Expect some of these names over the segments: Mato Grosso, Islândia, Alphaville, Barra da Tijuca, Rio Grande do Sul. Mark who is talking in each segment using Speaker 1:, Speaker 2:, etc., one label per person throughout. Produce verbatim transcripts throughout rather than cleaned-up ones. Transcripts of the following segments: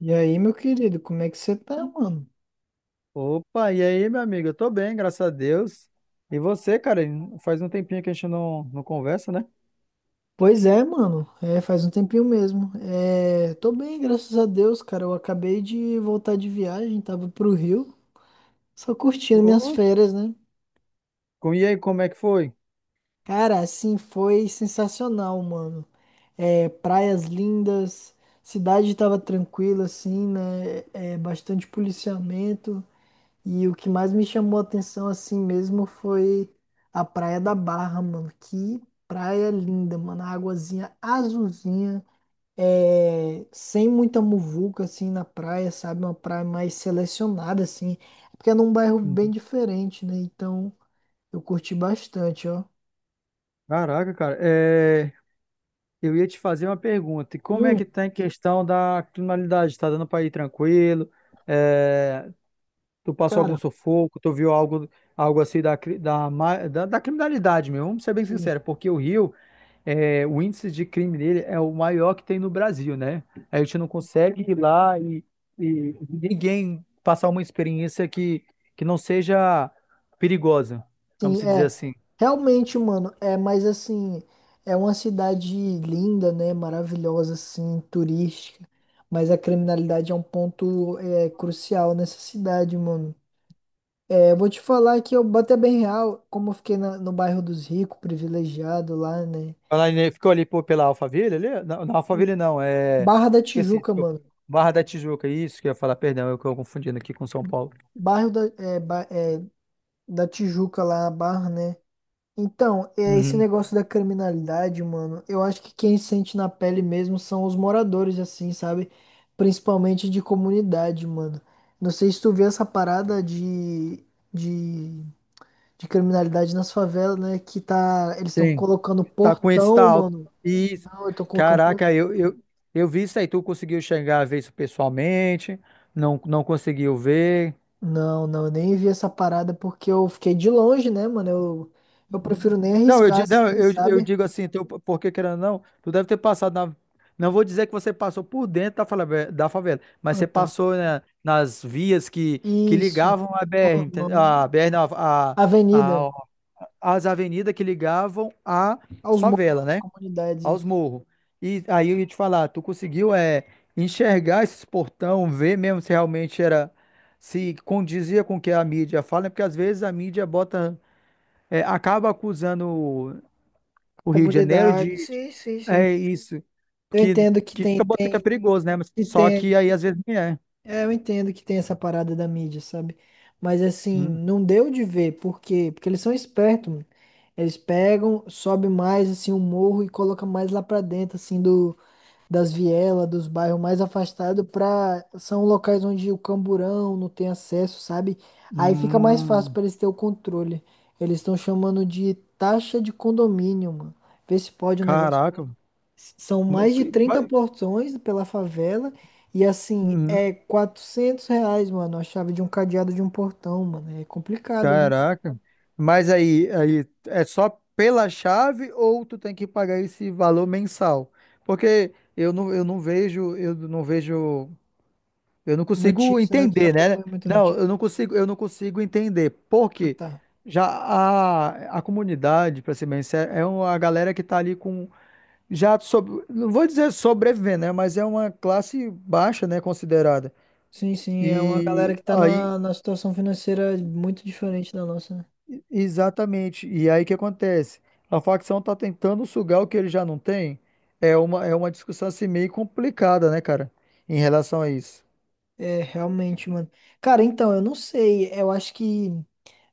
Speaker 1: E aí, meu querido, como é que você tá, mano?
Speaker 2: Opa, e aí, meu amigo? Eu tô bem, graças a Deus. E você, cara? Faz um tempinho que a gente não, não conversa, né?
Speaker 1: Pois é, mano, é, faz um tempinho mesmo. É, tô bem, graças a Deus, cara. Eu acabei de voltar de viagem, tava pro Rio, só curtindo minhas
Speaker 2: Ô,
Speaker 1: férias, né?
Speaker 2: com- e aí, como é que foi?
Speaker 1: Cara, assim, foi sensacional, mano. É, praias lindas, cidade tava tranquila, assim, né? É, é bastante policiamento. E o que mais me chamou a atenção assim mesmo foi a Praia da Barra, mano. Que praia linda, mano. A águazinha azulzinha, é... sem muita muvuca assim na praia, sabe? Uma praia mais selecionada assim. É, porque é num bairro bem
Speaker 2: Uhum.
Speaker 1: diferente, né? Então eu curti bastante, ó.
Speaker 2: Caraca, cara, é, eu ia te fazer uma pergunta. E como é
Speaker 1: Hum,
Speaker 2: que tá em questão da criminalidade? Tá dando pra ir tranquilo? É, tu passou algum
Speaker 1: cara.
Speaker 2: sufoco? Tu viu algo, algo assim da, cri- da, ma- da, da criminalidade mesmo? Vamos ser bem
Speaker 1: Sim.
Speaker 2: sincero, porque o Rio, é, o índice de crime dele é o maior que tem no Brasil, né? A gente não consegue ir lá e, e ninguém passar uma experiência que, que não seja perigosa, vamos
Speaker 1: Sim,
Speaker 2: se dizer
Speaker 1: é.
Speaker 2: assim.
Speaker 1: Realmente, mano, é, mas assim, é uma cidade linda, né? Maravilhosa, assim, turística. Mas a criminalidade é um ponto é, crucial nessa cidade, mano. É, eu vou te falar que eu bati bem real, como eu fiquei na- no bairro dos ricos, privilegiado lá, né?
Speaker 2: Ela ainda ficou ali pô, pela Alphaville, ali? Não, não, Alphaville não, é...
Speaker 1: Barra da
Speaker 2: Esqueci,
Speaker 1: Tijuca,
Speaker 2: desculpa.
Speaker 1: mano.
Speaker 2: Barra da Tijuca, isso que eu ia falar, perdão, eu estou confundindo aqui com São Paulo.
Speaker 1: Bairro da, é, ba- é, da Tijuca lá, a Barra, né? Então, é, esse
Speaker 2: Uhum.
Speaker 1: negócio da criminalidade, mano, eu acho que quem sente na pele mesmo são os moradores, assim, sabe? Principalmente de comunidade, mano. Não sei se tu vê essa parada de, de, de criminalidade nas favelas, né? Que tá. Eles estão
Speaker 2: Sim.
Speaker 1: colocando
Speaker 2: Tá com índice tá
Speaker 1: portão,
Speaker 2: alto.
Speaker 1: mano.
Speaker 2: Isso.
Speaker 1: Não, eu tô colocando portão.
Speaker 2: Caraca, eu, eu, eu vi isso aí. Tu conseguiu chegar a ver isso pessoalmente? Não, não conseguiu ver?
Speaker 1: Não, não, eu nem vi essa parada porque eu fiquei de longe, né, mano? Eu, eu
Speaker 2: Uhum.
Speaker 1: prefiro nem
Speaker 2: Não, eu,
Speaker 1: arriscar,
Speaker 2: di- não,
Speaker 1: assim,
Speaker 2: eu, eu
Speaker 1: sabe?
Speaker 2: digo assim, teu, porque querendo ou não, tu deve ter passado na. Não vou dizer que você passou por dentro da favela, da favela, mas
Speaker 1: Ah,
Speaker 2: você
Speaker 1: tá.
Speaker 2: passou, né, nas vias que, que
Speaker 1: Isso.
Speaker 2: ligavam a B R, ente-
Speaker 1: Uhum.
Speaker 2: a B R, não, a, a,
Speaker 1: Avenida.
Speaker 2: a- as avenidas que ligavam à
Speaker 1: Aos morros,
Speaker 2: favela,
Speaker 1: às
Speaker 2: né?
Speaker 1: comunidades.
Speaker 2: Aos morros. E aí eu ia te falar, tu conseguiu é, enxergar esses portão, ver mesmo se realmente era, se condizia com o que a mídia fala, né? Porque às vezes a mídia bota, é, acaba acusando o o Rio de Janeiro
Speaker 1: Comunidades,
Speaker 2: de,
Speaker 1: sim, sim, sim.
Speaker 2: é isso,
Speaker 1: Eu
Speaker 2: que,
Speaker 1: entendo que
Speaker 2: que
Speaker 1: tem,
Speaker 2: fica botando que é
Speaker 1: tem,
Speaker 2: perigoso, né? Mas
Speaker 1: que
Speaker 2: só que
Speaker 1: tem.
Speaker 2: aí às vezes nem é.
Speaker 1: É, eu entendo que tem essa parada da mídia, sabe? Mas assim,
Speaker 2: Hum,
Speaker 1: não deu de ver, por quê? Porque eles são espertos, mano. Eles pegam, sobe mais assim o morro e coloca mais lá pra dentro, assim, do, das vielas, dos bairros mais afastados, pra... são locais onde o camburão não tem acesso, sabe? Aí fica mais fácil
Speaker 2: hum,
Speaker 1: para eles ter o controle. Eles estão chamando de taxa de condomínio, mano. Vê se pode um negócio.
Speaker 2: caraca,
Speaker 1: S- São
Speaker 2: como é
Speaker 1: mais de
Speaker 2: que...
Speaker 1: trinta portões pela favela e assim,
Speaker 2: Uhum.
Speaker 1: é quatrocentos reais, mano, a chave de um cadeado de um portão, mano. É complicado, né?
Speaker 2: Caraca. Mas aí, aí é só pela chave ou tu tem que pagar esse valor mensal? Porque eu não, eu não vejo, eu não vejo, eu não consigo
Speaker 1: Notícia, né? Tu não
Speaker 2: entender, né?
Speaker 1: acompanha muita
Speaker 2: Não, eu
Speaker 1: notícia?
Speaker 2: não consigo, eu não consigo entender. Por
Speaker 1: Ah,
Speaker 2: quê?
Speaker 1: tá.
Speaker 2: Já a, a comunidade, para ser bem sincero, é uma galera que tá ali com já sobre, não vou dizer sobrevivendo, né? Mas é uma classe baixa, né, considerada.
Speaker 1: Sim, sim, é uma galera
Speaker 2: E
Speaker 1: que tá
Speaker 2: aí
Speaker 1: numa, numa situação financeira muito diferente da nossa, né?
Speaker 2: exatamente. E aí o que acontece? A facção tá tentando sugar o que ele já não tem. É uma, é uma discussão assim meio complicada, né, cara? Em relação a isso.
Speaker 1: É, realmente, mano. Cara, então, eu não sei. Eu acho que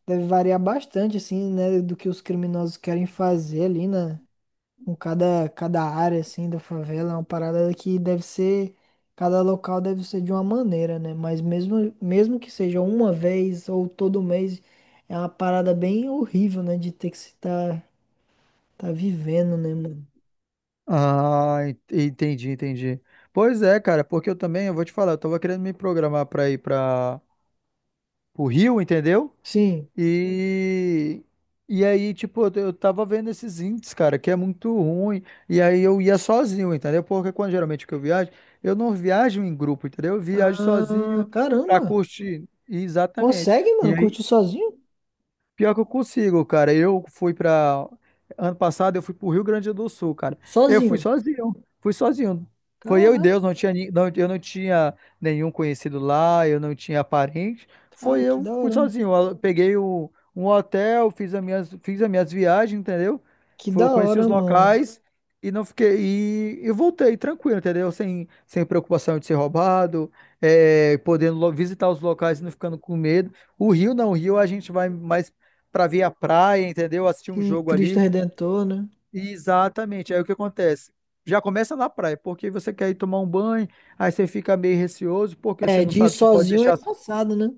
Speaker 1: deve variar bastante, assim, né, do que os criminosos querem fazer ali, né, com cada, cada área, assim, da favela. É uma parada que deve ser, cada local deve ser de uma maneira, né? Mas mesmo, mesmo que seja uma vez ou todo mês, é uma parada bem horrível, né, de ter que se tá, tá vivendo, né, mano?
Speaker 2: Ah, en- entendi, entendi. Pois é, cara, porque eu também, eu vou te falar, eu tava querendo me programar pra ir pra, pro Rio, entendeu?
Speaker 1: Sim.
Speaker 2: E, e aí, tipo, eu, eu tava vendo esses índices, cara, que é muito ruim. E aí eu ia sozinho, entendeu? Porque quando geralmente que eu viajo, eu não viajo em grupo, entendeu? Eu viajo
Speaker 1: Ah,
Speaker 2: sozinho pra
Speaker 1: caramba.
Speaker 2: curtir. Exatamente.
Speaker 1: Consegue, mano,
Speaker 2: E aí,
Speaker 1: curtir sozinho?
Speaker 2: pior que eu consigo, cara. Eu fui pra. Ano passado eu fui pro Rio Grande do Sul, cara. Eu fui
Speaker 1: Sozinho.
Speaker 2: sozinho, fui sozinho. Foi eu e
Speaker 1: Caraca.
Speaker 2: Deus, não tinha, ni- não, eu não tinha nenhum conhecido lá, eu não tinha parente. Foi
Speaker 1: Cara, que
Speaker 2: eu,
Speaker 1: da
Speaker 2: fui
Speaker 1: hora.
Speaker 2: sozinho. Eu peguei o, um hotel, fiz as minhas, fiz as minhas viagens, entendeu?
Speaker 1: Que da
Speaker 2: Fui- conheci os
Speaker 1: hora, mano.
Speaker 2: locais e não fiquei. E, e voltei tranquilo, entendeu? Sem, sem preocupação de ser roubado, é, podendo lo- visitar os locais e não ficando com medo. O Rio não, o Rio a gente vai mais para ver a praia, entendeu? Assistir um
Speaker 1: Sim,
Speaker 2: jogo
Speaker 1: Cristo
Speaker 2: ali.
Speaker 1: Redentor, né?
Speaker 2: E exatamente. Aí o que acontece? Já começa na praia, porque você quer ir tomar um banho, aí você fica meio receoso, porque você
Speaker 1: É,
Speaker 2: não
Speaker 1: de ir
Speaker 2: sabe se pode
Speaker 1: sozinho é
Speaker 2: deixar
Speaker 1: embaçado, né?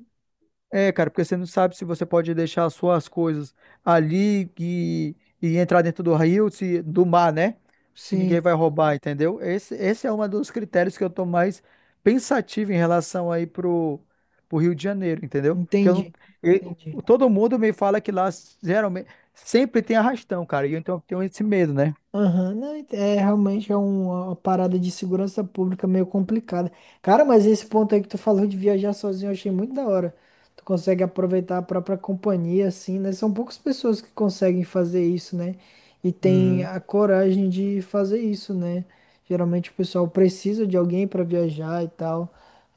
Speaker 2: é, cara, porque você não sabe se você pode deixar as suas coisas ali e, e entrar dentro do rio, se, do mar, né? Se ninguém
Speaker 1: Sim,
Speaker 2: vai roubar, entendeu? Esse, esse é um dos critérios que eu tô mais pensativo em relação aí pro, pro Rio de Janeiro, entendeu? Porque eu não,
Speaker 1: entendi.
Speaker 2: eu-
Speaker 1: Entendi.
Speaker 2: todo mundo me fala que lá geralmente sempre tem arrastão, cara, e eu, então eu tenho esse medo, né?
Speaker 1: Aham, não, ent- é realmente é um, uma uma parada de segurança pública meio complicada. Cara, mas esse ponto aí que tu falou de viajar sozinho, eu achei muito da hora. Tu consegue aproveitar a própria companhia, assim, né? São poucas pessoas que conseguem fazer isso, né? E tem
Speaker 2: Uhum,
Speaker 1: a coragem de fazer isso, né? Geralmente o pessoal precisa de alguém pra viajar e tal.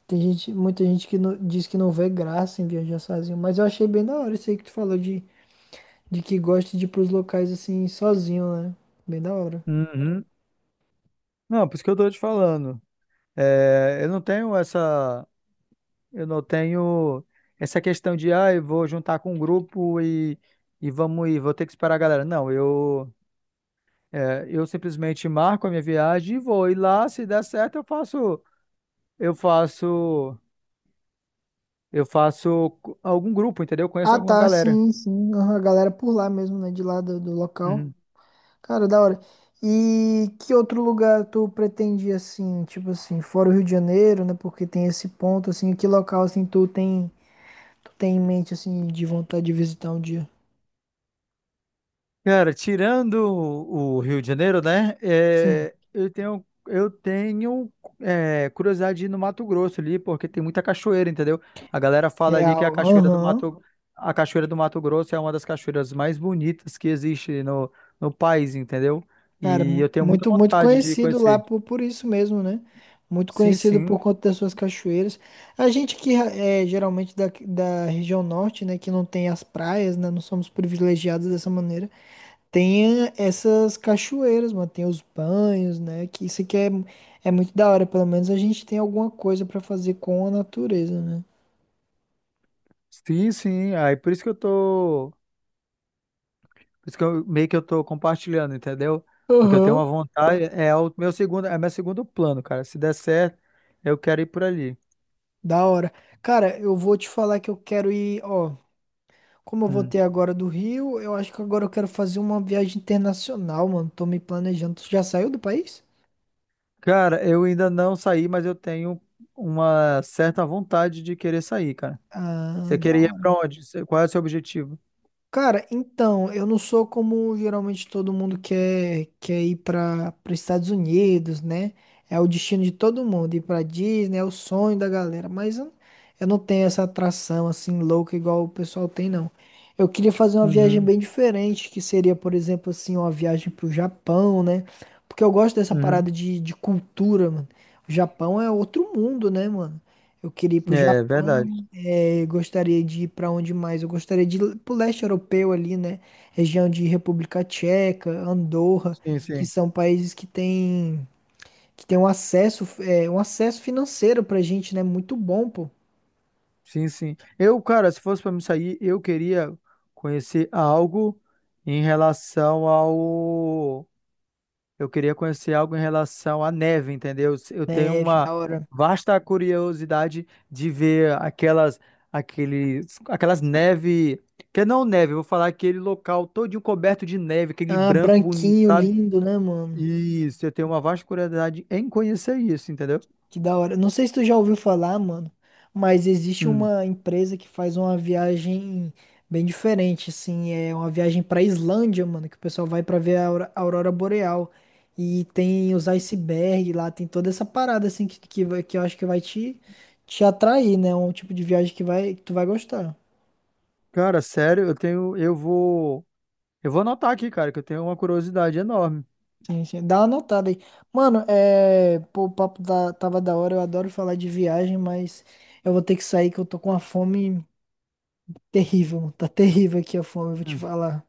Speaker 1: Tem gente, muita gente que não- diz que não vê graça em viajar sozinho, mas eu achei bem da hora isso aí que tu falou de, de que gosta de ir pros locais assim sozinho, né? Bem da hora.
Speaker 2: uhum. Não, por isso que eu tô te falando. É, eu não tenho essa. Eu não tenho essa questão de, ah, eu vou juntar com um grupo e, e vamos ir, vou ter que esperar a galera. Não, eu, é, eu simplesmente marco a minha viagem e vou. E lá, se der certo, eu faço, eu faço, eu faço co- algum grupo, entendeu? Eu conheço
Speaker 1: Ah,
Speaker 2: alguma
Speaker 1: tá,
Speaker 2: galera.
Speaker 1: sim, sim. aham, A galera por lá mesmo, né? De lá do, do local.
Speaker 2: Uhum.
Speaker 1: Cara, da hora. E que outro lugar tu pretende, assim, tipo assim, fora o Rio de Janeiro, né? Porque tem esse ponto, assim, que local, assim, tu tem, tu tem em mente, assim, de vontade de visitar um dia?
Speaker 2: Cara, tirando o o Rio de Janeiro, né?
Speaker 1: Sim,
Speaker 2: É, eu tenho, eu tenho é, curiosidade de ir no Mato Grosso ali, porque tem muita cachoeira, entendeu? A galera fala ali que a
Speaker 1: real.
Speaker 2: cachoeira do
Speaker 1: Aham.
Speaker 2: Mato, a cachoeira do Mato Grosso é uma das cachoeiras mais bonitas que existe no, no país, entendeu?
Speaker 1: Cara,
Speaker 2: E
Speaker 1: mu-
Speaker 2: eu tenho muita
Speaker 1: muito, muito
Speaker 2: vontade de
Speaker 1: conhecido lá
Speaker 2: conhecer.
Speaker 1: por, por isso mesmo, né? Muito
Speaker 2: Sim,
Speaker 1: conhecido
Speaker 2: sim,
Speaker 1: por conta das suas cachoeiras. A gente que é geralmente da, da região norte, né? Que não tem as praias, né? Não somos privilegiados dessa maneira. Tem eh, essas cachoeiras, mano. Tem os banhos, né? Que isso aqui é, é muito da hora. Pelo menos a gente tem alguma coisa pra fazer com a natureza, né?
Speaker 2: sim, sim. Aí por isso que eu tô por isso que eu, meio que eu tô compartilhando, entendeu? Porque eu tenho
Speaker 1: Aham.
Speaker 2: uma vontade, é o meu segundo, é meu segundo plano, cara. Se der certo, eu quero ir por ali.
Speaker 1: Da hora. Cara, eu vou te falar que eu quero ir, ó. Como eu
Speaker 2: Hum.
Speaker 1: voltei agora do Rio, eu acho que agora eu quero fazer uma viagem internacional, mano. Tô me planejando. Tu já saiu do país?
Speaker 2: Cara, eu ainda não saí, mas eu tenho uma certa vontade de querer sair, cara.
Speaker 1: Ah,
Speaker 2: Você
Speaker 1: da
Speaker 2: queria ir
Speaker 1: hora.
Speaker 2: pra onde? Você- Qual é o seu objetivo?
Speaker 1: Cara, então, eu não sou como geralmente todo mundo quer, quer ir para os Estados Unidos, né? É o destino de todo mundo, ir para Disney é o sonho da galera, mas eu, eu não tenho essa atração assim louca igual o pessoal tem, não. Eu queria fazer uma viagem
Speaker 2: Uhum,
Speaker 1: bem diferente, que seria, por exemplo, assim, uma viagem para o Japão, né? Porque eu gosto dessa
Speaker 2: uhum.
Speaker 1: parada de, de cultura, mano. O Japão é outro mundo, né, mano? Eu queria ir pro Japão.
Speaker 2: É verdade.
Speaker 1: É, gostaria de ir para onde mais? Eu gostaria de ir para o leste europeu ali, né? Região de República Tcheca, Andorra,
Speaker 2: Sim,
Speaker 1: que
Speaker 2: sim.
Speaker 1: são países que têm que têm um acesso, é, um acesso financeiro pra gente, né? Muito bom, pô.
Speaker 2: Sim, sim. Eu, cara, se fosse pra me sair, eu queria conhecer algo em relação ao eu queria conhecer algo em relação à neve, entendeu? Eu tenho
Speaker 1: Neve,
Speaker 2: uma
Speaker 1: da hora.
Speaker 2: vasta curiosidade de ver aquelas, aqueles, aquelas neve, que não neve, eu vou falar aquele local todinho coberto de neve, aquele
Speaker 1: Ah,
Speaker 2: branco bonito,
Speaker 1: branquinho,
Speaker 2: sabe?
Speaker 1: lindo, né, mano?
Speaker 2: Isso, eu tenho uma vasta curiosidade em conhecer isso, entendeu?
Speaker 1: Que da hora. Não sei se tu já ouviu falar, mano, mas existe
Speaker 2: Hum.
Speaker 1: uma empresa que faz uma viagem bem diferente, assim, é uma viagem pra Islândia, mano, que o pessoal vai pra ver a aura- a aurora boreal e tem os icebergs lá, tem toda essa parada assim que que, vai- que eu acho que vai te te atrair, né? Um tipo de viagem que vai que tu vai gostar.
Speaker 2: Cara, sério, eu tenho, eu vou, eu vou anotar aqui, cara, que eu tenho uma curiosidade enorme.
Speaker 1: Sim, sim. Dá uma anotada aí. Mano, é, pô, o papo da- tava da hora, eu adoro falar de viagem, mas eu vou ter que sair que eu tô com uma fome terrível. Tá terrível aqui a fome, eu vou te falar.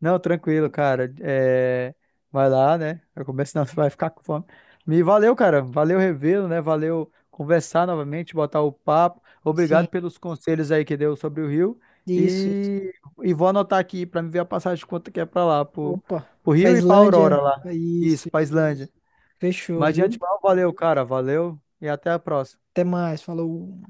Speaker 2: Não, tranquilo, cara. É, vai lá, né? Eu começo, senão você vai ficar com fome. Me valeu, cara. Valeu revê-lo, né? Valeu conversar novamente, botar o papo.
Speaker 1: Sim.
Speaker 2: Obrigado pelos conselhos aí que deu sobre o Rio.
Speaker 1: Isso, isso.
Speaker 2: E, e vou anotar aqui pra me ver a passagem de quanto que é pra lá, pro,
Speaker 1: Opa,
Speaker 2: pro
Speaker 1: pra
Speaker 2: Rio e pra
Speaker 1: Islândia.
Speaker 2: Aurora lá.
Speaker 1: É isso,
Speaker 2: Isso, pra
Speaker 1: isso.
Speaker 2: Islândia. Isso.
Speaker 1: Fechou,
Speaker 2: Mas de
Speaker 1: viu?
Speaker 2: antemão, valeu, cara. Valeu e até a próxima.
Speaker 1: Até mais, falou.